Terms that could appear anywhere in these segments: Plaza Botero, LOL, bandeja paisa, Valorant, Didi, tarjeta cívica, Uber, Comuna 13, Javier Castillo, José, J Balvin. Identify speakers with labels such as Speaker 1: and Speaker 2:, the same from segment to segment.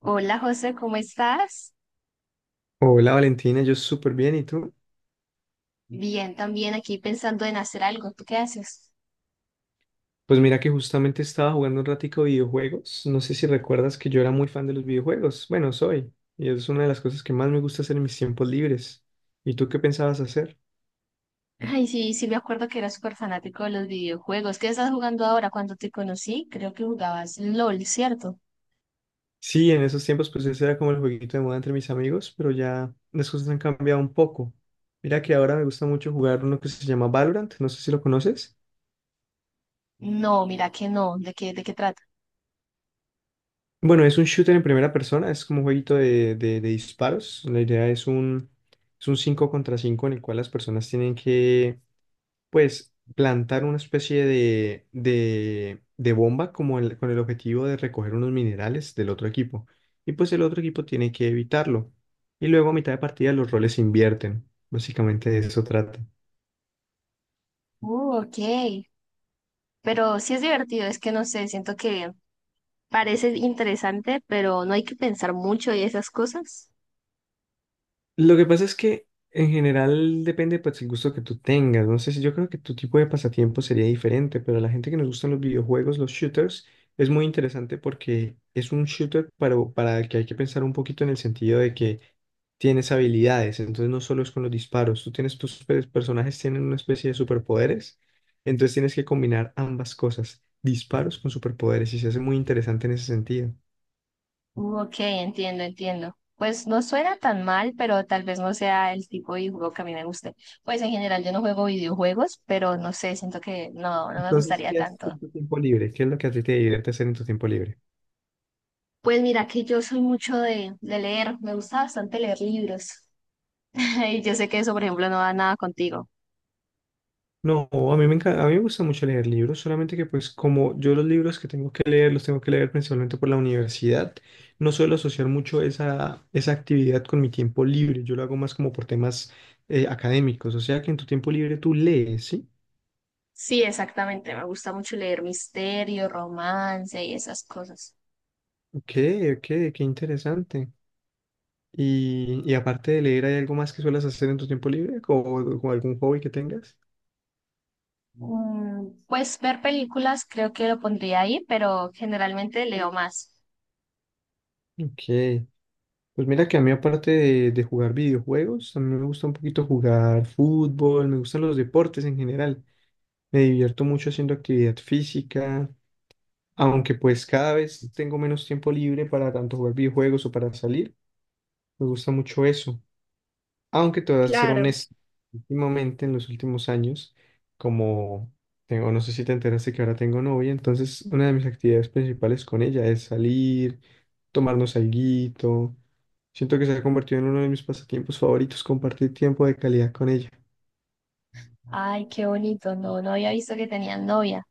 Speaker 1: Hola José, ¿cómo estás?
Speaker 2: Hola Valentina, yo súper bien, ¿y tú?
Speaker 1: Bien, también aquí pensando en hacer algo. ¿Tú qué haces?
Speaker 2: Pues mira que justamente estaba jugando un ratico videojuegos. No sé si recuerdas que yo era muy fan de los videojuegos. Bueno, soy. Y es una de las cosas que más me gusta hacer en mis tiempos libres. ¿Y tú qué pensabas hacer?
Speaker 1: Ay, sí, sí me acuerdo que eras súper fanático de los videojuegos. ¿Qué estás jugando ahora? Cuando te conocí, creo que jugabas LOL, ¿cierto?
Speaker 2: Sí, en esos tiempos pues ese era como el jueguito de moda entre mis amigos, pero ya las cosas han cambiado un poco. Mira que ahora me gusta mucho jugar uno que se llama Valorant, no sé si lo conoces.
Speaker 1: No, mira que no. De qué trata?
Speaker 2: Bueno, es un shooter en primera persona, es como un jueguito de disparos. La idea es un 5 contra 5 en el cual las personas tienen que, pues, plantar una especie de bomba con el objetivo de recoger unos minerales del otro equipo. Y pues el otro equipo tiene que evitarlo. Y luego a mitad de partida los roles se invierten. Básicamente de eso trata.
Speaker 1: Ok. Pero sí es divertido, es que no sé, siento que parece interesante, pero no hay que pensar mucho y esas cosas.
Speaker 2: Lo que pasa es que en general depende pues, el gusto que tú tengas. No sé si yo creo que tu tipo de pasatiempo sería diferente, pero a la gente que nos gustan los videojuegos, los shooters, es muy interesante porque es un shooter para el que hay que pensar un poquito en el sentido de que tienes habilidades, entonces no solo es con los disparos, tú tienes tus personajes tienen una especie de superpoderes, entonces tienes que combinar ambas cosas, disparos con superpoderes, y se hace muy interesante en ese sentido.
Speaker 1: Ok, entiendo, entiendo. Pues no suena tan mal, pero tal vez no sea el tipo de juego que a mí me guste. Pues en general yo no juego videojuegos, pero no sé, siento que no, no me
Speaker 2: Entonces,
Speaker 1: gustaría
Speaker 2: ¿qué haces
Speaker 1: tanto.
Speaker 2: en tu tiempo libre? ¿Qué es lo que a ti te divierte hacer en tu tiempo libre?
Speaker 1: Pues mira que yo soy mucho de leer, me gusta bastante leer libros. Y yo sé que eso, por ejemplo, no va nada contigo.
Speaker 2: No, a mí me encanta, a mí me gusta mucho leer libros, solamente que pues como yo los libros que tengo que leer los tengo que leer principalmente por la universidad, no suelo asociar mucho esa actividad con mi tiempo libre, yo lo hago más como por temas académicos, o sea que en tu tiempo libre tú lees, ¿sí?
Speaker 1: Sí, exactamente, me gusta mucho leer misterio, romance y esas cosas.
Speaker 2: Ok, ok, qué interesante. Y aparte de leer, ¿hay algo más que suelas hacer en tu tiempo libre o algún hobby que tengas?
Speaker 1: Mm, pues ver películas creo que lo pondría ahí, pero generalmente leo más.
Speaker 2: Ok. Pues mira que a mí aparte de jugar videojuegos, a mí me gusta un poquito jugar fútbol, me gustan los deportes en general. Me divierto mucho haciendo actividad física, aunque pues cada vez tengo menos tiempo libre para tanto jugar videojuegos o para salir. Me gusta mucho eso. Aunque te voy a ser
Speaker 1: Claro.
Speaker 2: honesto, últimamente en los últimos años, como tengo, no sé si te enteraste que ahora tengo novia, entonces una de mis actividades principales con ella es salir, tomarnos alguito. Siento que se ha convertido en uno de mis pasatiempos favoritos, compartir tiempo de calidad con ella.
Speaker 1: Ay, qué bonito. No, no había visto que tenían novia.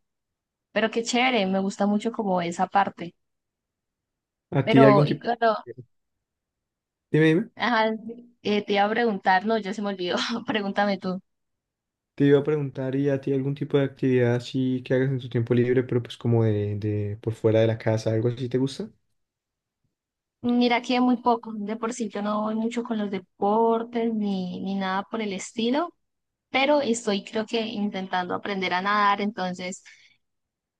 Speaker 1: Pero qué chévere, me gusta mucho como esa parte.
Speaker 2: ¿A ti
Speaker 1: Pero,
Speaker 2: algún
Speaker 1: y
Speaker 2: tipo?
Speaker 1: claro,
Speaker 2: Dime, dime.
Speaker 1: ajá, te iba a preguntar, no, ya se me olvidó. Pregúntame tú.
Speaker 2: Te iba a preguntar, ¿y a ti algún tipo de actividad así que hagas en tu tiempo libre, pero pues como de por fuera de la casa, algo así te gusta?
Speaker 1: Mira que muy poco, de por sí yo no voy mucho con los deportes ni, ni nada por el estilo, pero estoy creo que intentando aprender a nadar, entonces,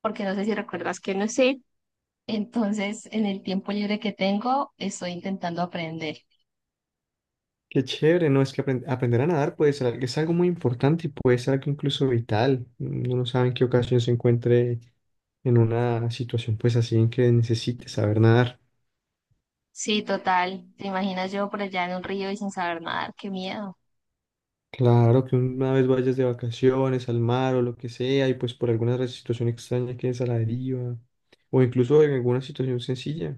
Speaker 1: porque no sé si recuerdas que no sé, entonces en el tiempo libre que tengo estoy intentando aprender.
Speaker 2: Qué chévere, ¿no? Es que aprender a nadar puede ser, es algo muy importante y puede ser algo incluso vital. Uno no sabe en qué ocasión se encuentre en una situación pues así en que necesite saber nadar.
Speaker 1: Sí, total. ¿Te imaginas yo por allá en un río y sin saber nadar? Qué miedo.
Speaker 2: Claro, que una vez vayas de vacaciones al mar o lo que sea, y pues por alguna situación extraña quedes a la deriva, o incluso en alguna situación sencilla.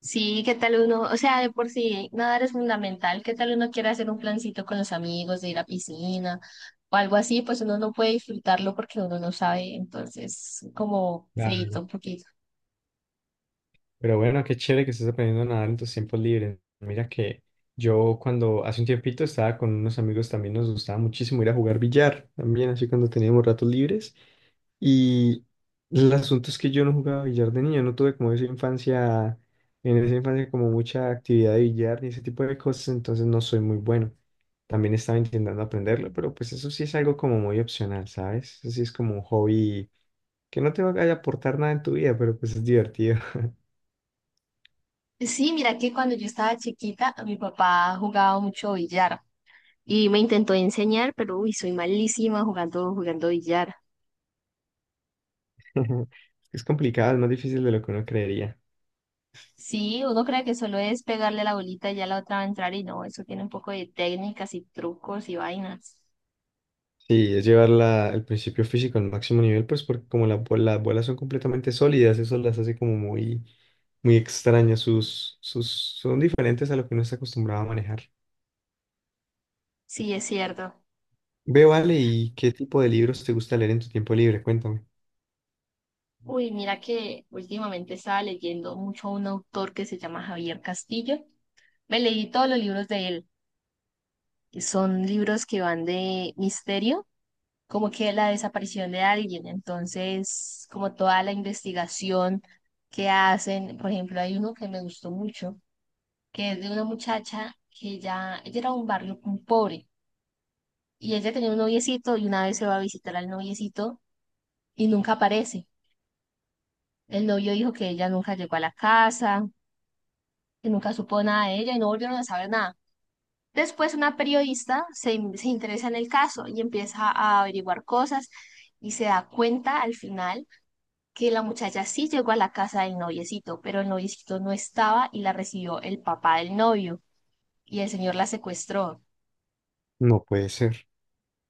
Speaker 1: Sí, ¿qué tal uno? O sea, de por sí nadar es fundamental. ¿Qué tal uno quiere hacer un plancito con los amigos, de ir a piscina o algo así? Pues uno no puede disfrutarlo porque uno no sabe. Entonces, como feíto un poquito.
Speaker 2: Pero bueno, qué chévere que estés aprendiendo a nadar en tus tiempos libres. Mira que yo cuando hace un tiempito estaba con unos amigos también nos gustaba muchísimo ir a jugar billar, también así cuando teníamos ratos libres. Y el asunto es que yo no jugaba billar de niño, no tuve como esa infancia, en esa infancia como mucha actividad de billar ni ese tipo de cosas, entonces no soy muy bueno. También estaba intentando aprenderlo, pero pues eso sí es algo como muy opcional, ¿sabes? Eso sí es como un hobby que no te va a aportar nada en tu vida, pero pues es divertido.
Speaker 1: Sí, mira que cuando yo estaba chiquita, mi papá jugaba mucho billar y me intentó enseñar, pero uy, soy malísima jugando billar.
Speaker 2: Es que es complicado, es más difícil de lo que uno creería.
Speaker 1: Sí, uno cree que solo es pegarle la bolita y ya la otra va a entrar y no, eso tiene un poco de técnicas y trucos y vainas.
Speaker 2: Sí, es llevar el principio físico al máximo nivel, pues porque como las bolas son completamente sólidas, eso las hace como muy, muy extrañas. Son diferentes a lo que uno está acostumbrado a manejar.
Speaker 1: Sí, es cierto.
Speaker 2: Vale, ¿y qué tipo de libros te gusta leer en tu tiempo libre? Cuéntame.
Speaker 1: Uy, mira que últimamente estaba leyendo mucho a un autor que se llama Javier Castillo. Me leí todos los libros de él, que son libros que van de misterio, como que la desaparición de alguien, entonces como toda la investigación que hacen. Por ejemplo, hay uno que me gustó mucho, que es de una muchacha que ya, ella era de un barrio muy pobre. Y ella tenía un noviecito y una vez se va a visitar al noviecito y nunca aparece. El novio dijo que ella nunca llegó a la casa, que nunca supo nada de ella y no volvieron a saber nada. Después una periodista se, se interesa en el caso y empieza a averiguar cosas y se da cuenta al final que la muchacha sí llegó a la casa del noviecito, pero el noviecito no estaba y la recibió el papá del novio y el señor la secuestró.
Speaker 2: No puede ser.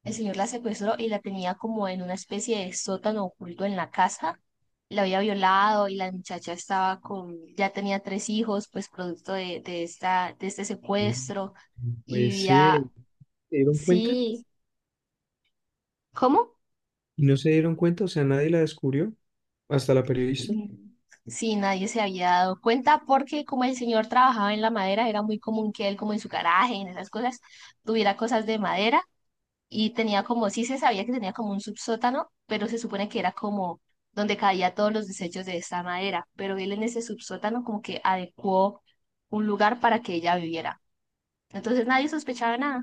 Speaker 1: El señor la secuestró y la tenía como en una especie de sótano oculto en la casa. La había violado y la muchacha estaba con, ya tenía tres hijos, pues producto de esta, de este
Speaker 2: Mm.
Speaker 1: secuestro
Speaker 2: No
Speaker 1: y
Speaker 2: puede
Speaker 1: vivía,
Speaker 2: ser. ¿Se dieron cuenta?
Speaker 1: sí, ¿cómo?
Speaker 2: ¿Y no se dieron cuenta? O sea, nadie la descubrió. Hasta la periodista.
Speaker 1: Mm, sí, nadie se había dado cuenta porque como el señor trabajaba en la madera, era muy común que él, como en su garaje, en esas cosas, tuviera cosas de madera y tenía como, sí se sabía que tenía como un subsótano, pero se supone que era como donde caía todos los desechos de esta madera, pero él en ese subsótano como que adecuó un lugar para que ella viviera. Entonces nadie sospechaba nada.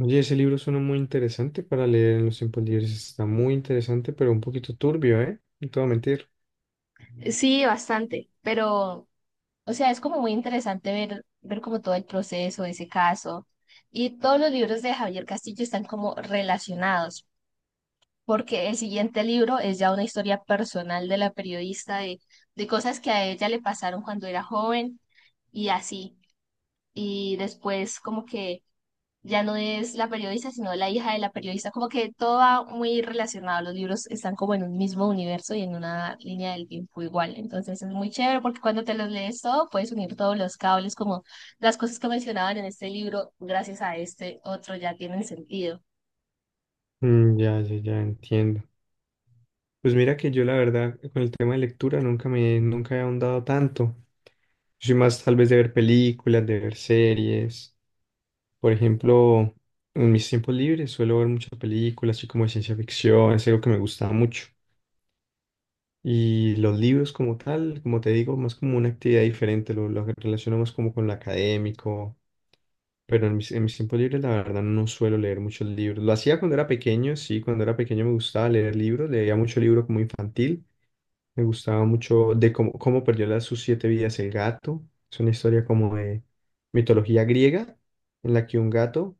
Speaker 2: Oye, ese libro suena muy interesante para leer en los tiempos libres. Está muy interesante, pero un poquito turbio, ¿eh? No te voy a mentir.
Speaker 1: Sí, bastante, pero, o sea, es como muy interesante ver, ver como todo el proceso de ese caso. Y todos los libros de Javier Castillo están como relacionados, porque el siguiente libro es ya una historia personal de la periodista de cosas que a ella le pasaron cuando era joven y así. Y después como que ya no es la periodista, sino la hija de la periodista, como que todo va muy relacionado, los libros están como en un mismo universo y en una línea del tiempo igual, entonces es muy chévere porque cuando te los lees todo, puedes unir todos los cables, como las cosas que mencionaban en este libro, gracias a este otro ya tienen sentido.
Speaker 2: Mm, ya, ya, ya entiendo. Pues mira que yo la verdad con el tema de lectura nunca he ahondado tanto. Yo soy más tal vez de ver películas, de ver series. Por ejemplo, en mis tiempos libres suelo ver muchas películas, así como de ciencia ficción, es algo que me gusta mucho. Y los libros como tal, como te digo, más como una actividad diferente, lo relaciono más como con lo académico. Pero en mis tiempos libres, la verdad, no suelo leer muchos libros. Lo hacía cuando era pequeño, sí, cuando era pequeño me gustaba leer libros, leía mucho libro como infantil, me gustaba mucho de cómo perdió sus siete vidas el gato. Es una historia como de mitología griega, en la que un gato,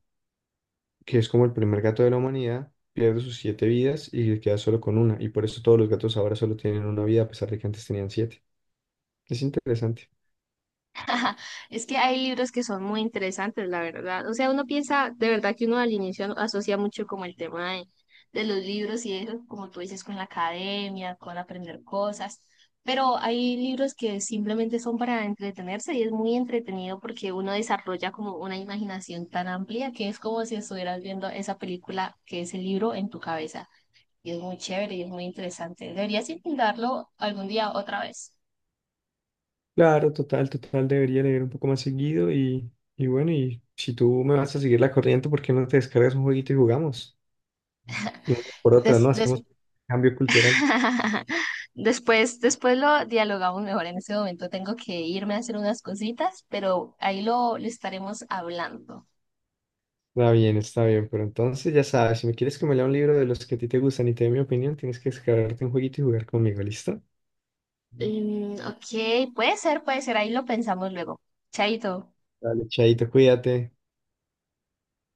Speaker 2: que es como el primer gato de la humanidad, pierde sus siete vidas y queda solo con una. Y por eso todos los gatos ahora solo tienen una vida, a pesar de que antes tenían siete. Es interesante.
Speaker 1: Ajá, es que hay libros que son muy interesantes, la verdad. O sea, uno piensa, de verdad que uno al inicio asocia mucho como el tema de los libros y eso, como tú dices, con la academia, con aprender cosas. Pero hay libros que simplemente son para entretenerse y es muy entretenido porque uno desarrolla como una imaginación tan amplia que es como si estuvieras viendo esa película que es el libro en tu cabeza. Y es muy chévere y es muy interesante. Deberías intentarlo algún día otra vez.
Speaker 2: Claro, total, total, debería leer un poco más seguido y bueno, y si tú me vas a seguir la corriente, ¿por qué no te descargas un jueguito y jugamos? Y por otra, ¿no? Hacemos cambio cultural.
Speaker 1: Después, después lo dialogamos mejor. En este momento tengo que irme a hacer unas cositas, pero ahí lo estaremos hablando.
Speaker 2: Está bien, pero entonces ya sabes, si me quieres que me lea un libro de los que a ti te gustan y te dé mi opinión, tienes que descargarte un jueguito y jugar conmigo, ¿listo?
Speaker 1: Mm, ok, puede ser, puede ser. Ahí lo pensamos luego. Chaito.
Speaker 2: Dale, chaito, cuídate.